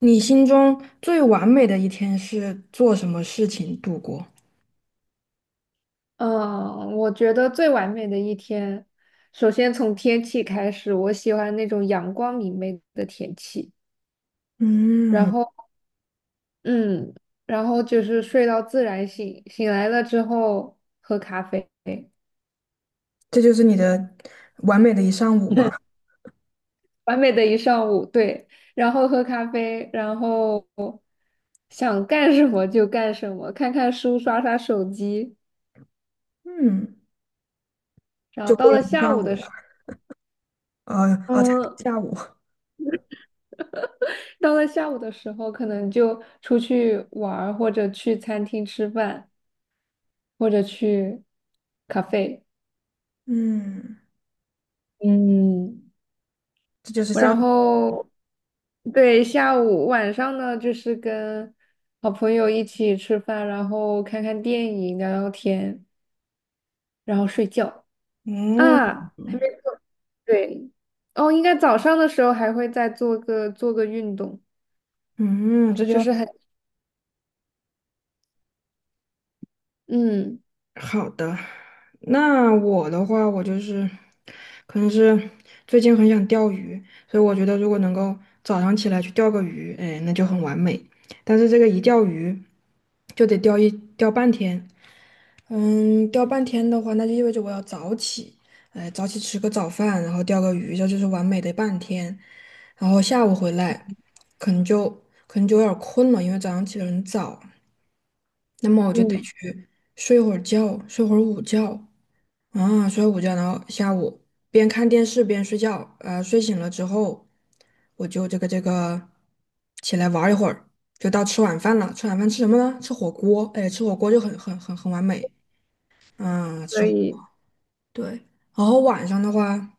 你心中最完美的一天是做什么事情度过？嗯，我觉得最完美的一天，首先从天气开始，我喜欢那种阳光明媚的天气。然嗯，后，嗯，然后就是睡到自然醒，醒来了之后喝咖啡。这就是你的完美的一上午吗？完美的一上午，对，然后喝咖啡，然后想干什么就干什么，看看书，刷刷手机。嗯，然就后到过了了一下下午的午了，时才嗯，下午。到了下午的时候，可能就出去玩儿或者去餐厅吃饭，或者去咖啡。嗯，嗯，这就是我下然午。后对，下午晚上呢，就是跟好朋友一起吃饭，然后看看电影、聊聊天，然后睡觉嗯啊，还没做。对。哦，应该早上的时候还会再做个运动，嗯，就是很嗯好的。那我的话，我就是可能是最近很想钓鱼，所以我觉得如果能够早上起来去钓个鱼，哎，那就很完美。但是这个一钓鱼就得钓半天。嗯，钓半天的话，那就意味着我要早起，哎，早起吃个早饭，然后钓个鱼，这就是完美的半天。然后下午回来，可能就可能就有点儿困了，因为早上起得很早。那么我就得嗯。去睡会儿觉，睡会儿午觉啊，睡午觉，然后下午边看电视边睡觉。睡醒了之后，我就这个起来玩儿一会儿，就到吃晚饭了。吃晚饭吃什么呢？吃火锅，哎，吃火锅就很完美。啊，可吃。以。对，然后晚上的话，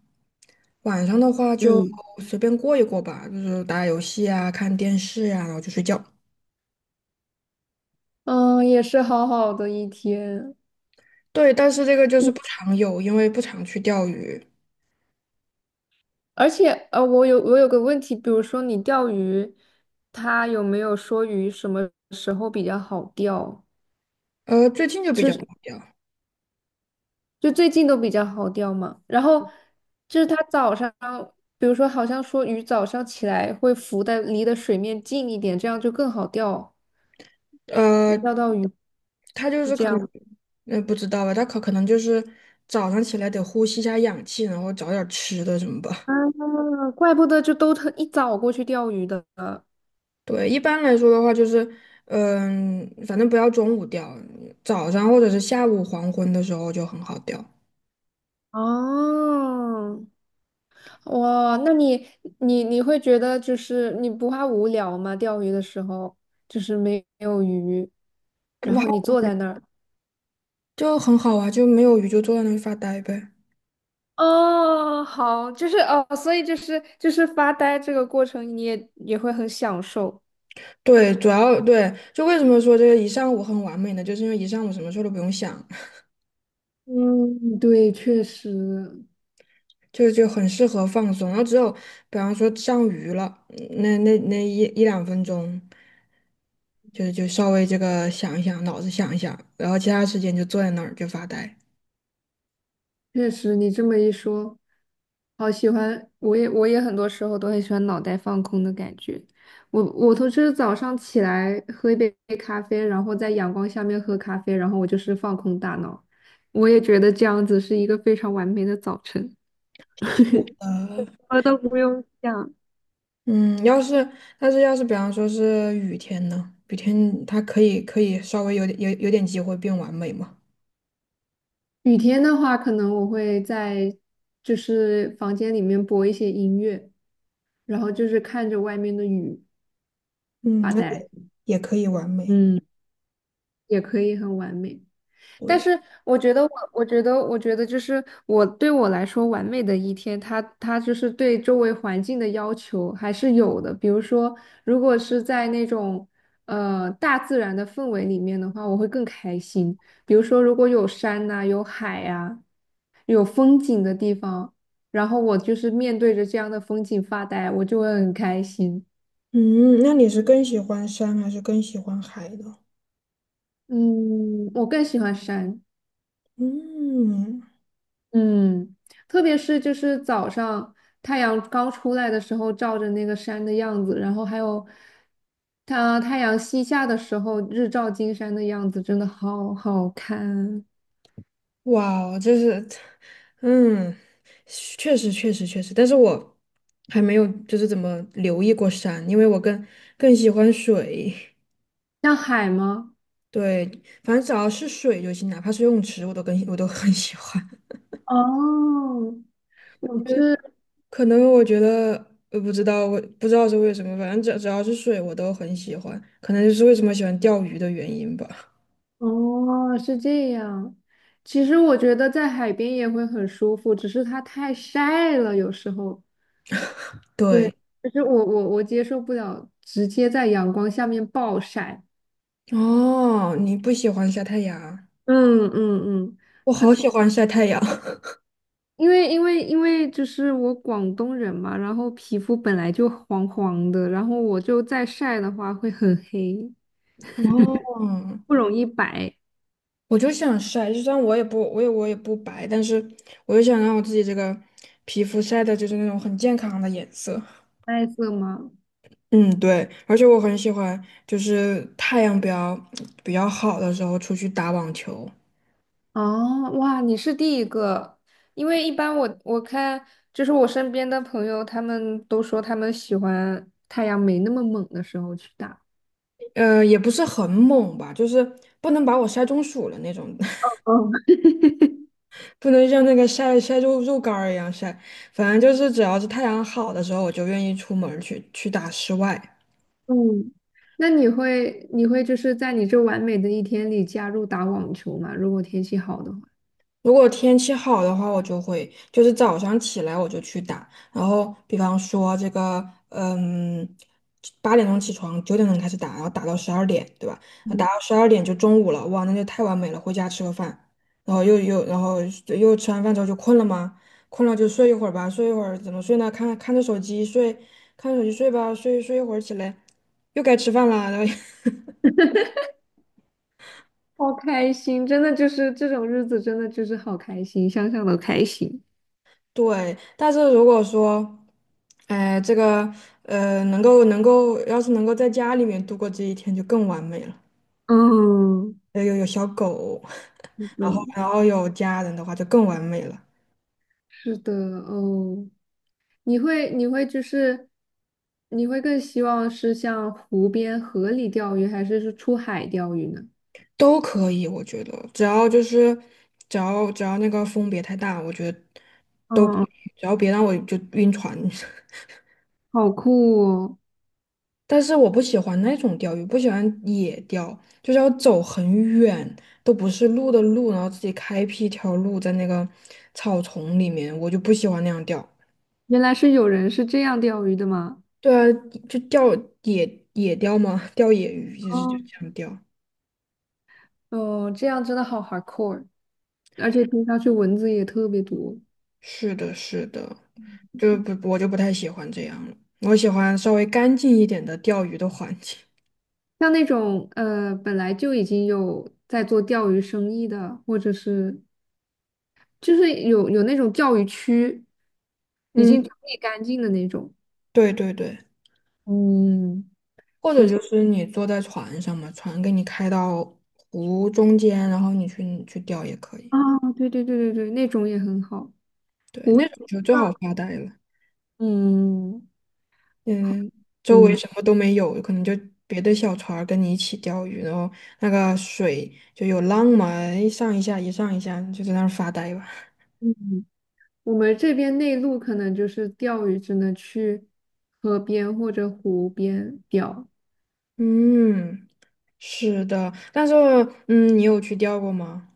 晚上的话就嗯随便过一过吧，就是打打游戏啊，看电视呀，然后就睡觉。嗯，也是好好的一天。对，但是这个就是不常有，因为不常去钓鱼。而且，我有个问题。比如说你钓鱼，他有没有说鱼什么时候比较好钓？最近就比就较好是钓。就最近都比较好钓嘛。然后就是他早上，比如说好像说鱼早上起来会浮在离的水面近一点，这样就更好钓，呃，能钓到鱼是这样吗？那不知道吧，他可能就是早上起来得呼吸一下氧气，然后找点儿吃的什么吧。啊，怪不得就都特一早过去钓鱼的。对，一般来说的话就是，反正不要中午钓，早上或者是下午黄昏的时候就很好钓。哦，哇，那你会觉得就是你不怕无聊吗？钓鱼的时候就是没有鱼，然不后你好。坐在那儿。就很好啊，就没有鱼就坐在那里发呆呗。哦，好，就是哦，所以就是发呆这个过程，你也会很享受。对，主要对，就为什么说这个一上午很完美呢？就是因为一上午什么事儿都不用想，嗯，对，确实。就很适合放松。然后只有比方说上鱼了，那一两分钟，就稍微这个想一想，脑子想一想，然后其他时间就坐在那儿就发呆。确实，你这么一说，好喜欢。我也很多时候都很喜欢脑袋放空的感觉。我都是早上起来喝一杯咖啡，然后在阳光下面喝咖啡，然后我就是放空大脑。我也觉得这样子是一个非常完美的早晨，什呃，么都不用想。嗯，要是但是要是比方说是雨天呢，雨天它可以稍微有点机会变完美嘛。雨天的话，可能我会在房间里面播一些音乐，然后就是看着外面的雨嗯，发那也呆，也可以完美。嗯，也可以很完美。但对，是我觉得，就是对我来说，完美的一天，它就是对周围环境的要求还是有的。比如说，如果是在那种大自然的氛围里面的话，我会更开心。比如说，如果有山呐、有海呀、有风景的地方，然后我就是面对着这样的风景发呆，我就会很开心。嗯，那你是更喜欢山还是更喜欢海呢？嗯，我更喜欢山。嗯，嗯，特别是就是早上太阳刚出来的时候，照着那个山的样子，然后还有它太阳西下的时候，日照金山的样子，真的好好看。哇哦，这是，嗯，确实确实确实，但是我还没有就是怎么留意过山，因为我更喜欢水。像海吗？对，反正只要是水就行，哪怕是游泳池，我都很喜欢。哦，我就是是可能我觉得，我不知道，我不知道是为什么，反正只要是水，我都很喜欢。可能就是为什么喜欢钓鱼的原因吧。哦，是这样。其实我觉得在海边也会很舒服，只是它太晒了，有时候。对，对，就是我接受不了直接在阳光下面暴晒。哦，你不喜欢晒太阳，嗯嗯嗯，我可好能喜欢晒太阳。因为就是我广东人嘛，然后皮肤本来就黄黄的，然后我就再晒的话会很黑，哦，不容易白。我就想晒，就算我也不，我也不白，但是我就想让我自己这个皮肤晒的就是那种很健康的颜色。带色吗？嗯，对，而且我很喜欢，就是太阳比较好的时候出去打网球，哦，哇，你是第一个，因为一般我看就是我身边的朋友，他们都说他们喜欢太阳没那么猛的时候去打。也不是很猛吧，就是不能把我晒中暑了那种。哦，不能像那个晒晒肉肉干儿一样晒，反正就是只要是太阳好的时候，我就愿意出门儿去打室外。嗯，那你会就是在你这完美的一天里加入打网球吗？如果天气好的话。如果天气好的话，我就会就是早上起来我就去打，然后比方说这个，嗯，八点钟起床，九点钟开始打，然后打到十二点，对吧？那打嗯。到十二点就中午了，哇，那就太完美了，回家吃个饭，然后又然后又吃完饭之后就困了吗？困了就睡一会儿吧，睡一会儿怎么睡呢？看着手机睡，看着手机睡吧，睡一会儿起来又该吃饭啦，然后 好开心，真的就是这种日子，真的就是好开心，想想都开心。对，但是如果说，哎，这个能够能够，要是能够在家里面度过这一天，就更完美了。嗯，有小狗，是的，然后有家人的话，就更完美了。是的。哦，你会你会就是你会更希望是像湖边河里钓鱼，还是出海钓鱼呢？都可以，我觉得，只要就是只要只要那个风别太大，我觉得嗯，只要别让我就晕船。好酷哦！但是我不喜欢那种钓鱼，不喜欢野钓，就是要走很远，都不是路的路，然后自己开辟一条路在那个草丛里面，我就不喜欢那样钓。原来是有人是这样钓鱼的吗？对啊，就钓野钓嘛，钓野鱼就是就哦，这样钓。哦，这样真的好 hardcore，而且听上去蚊子也特别多。是的，是的，就不我就不太喜欢这样了，我喜欢稍微干净一点的钓鱼的环境。像那种本来就已经有在做钓鱼生意的，或者是就是有那种钓鱼区，已嗯，经整理干净的那种。对对对。嗯，或者就是你坐在船上嘛，船给你开到湖中间，然后你去钓也可以。啊，对对对对对，那种也很好。对，湖那种就最好发呆了。嗯嗯，周围嗯什么都没有，可能就别的小船儿跟你一起钓鱼，然后那个水就有浪嘛，一上一下，一上一下，就在那儿发呆吧。嗯，我们这边内陆可能就是钓鱼，只能去河边或者湖边钓。嗯，是的，但是嗯，你有去钓过吗？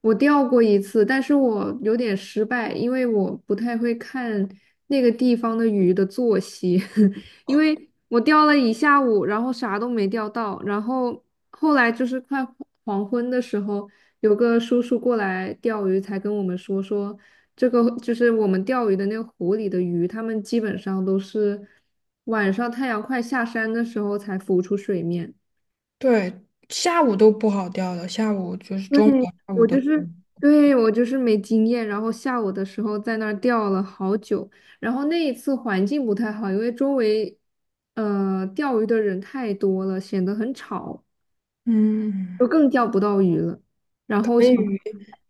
我钓过一次，但是我有点失败，因为我不太会看那个地方的鱼的作息。因为我钓了一下午，然后啥都没钓到，然后后来就是快黄昏的时候，有个叔叔过来钓鱼，才跟我们说说这个就是我们钓鱼的那个湖里的鱼，它们基本上都是晚上太阳快下山的时候才浮出水面。对，下午都不好钓了，下午就是对，中午到下午我都，就是，对，我就是没经验，然后下午的时候在那儿钓了好久，然后那一次环境不太好，因为周围，钓鱼的人太多了，显得很吵，就嗯。更钓不到鱼了。然后可想，以。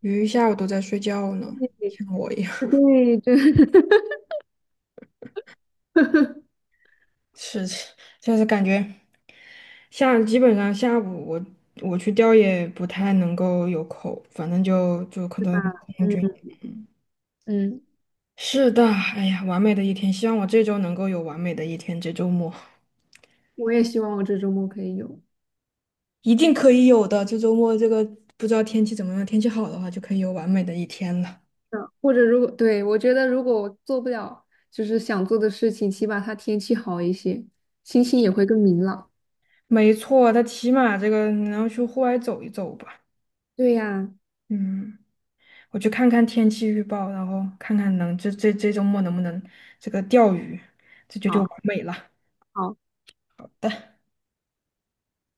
鱼一下午都在睡觉呢，像我一样。对，对，对 是，就是感觉基本上下午我去钓也不太能够有口，反正就可对吧？能空军。嗯嗯，是的，哎呀，完美的一天，希望我这周能够有完美的一天，这周末我也希望我这周末可以有。一定可以有的。这周末这个不知道天气怎么样，天气好的话就可以有完美的一天了。嗯或者如果，对，我觉得如果我做不了，就是想做的事情，起码它天气好一些，心情也会更明朗。没错，他起码这个你要去户外走一走吧。对呀。嗯。我去看看天气预报，然后看看能这这这周末能不能这个钓鱼，这就完好。美了。好，的。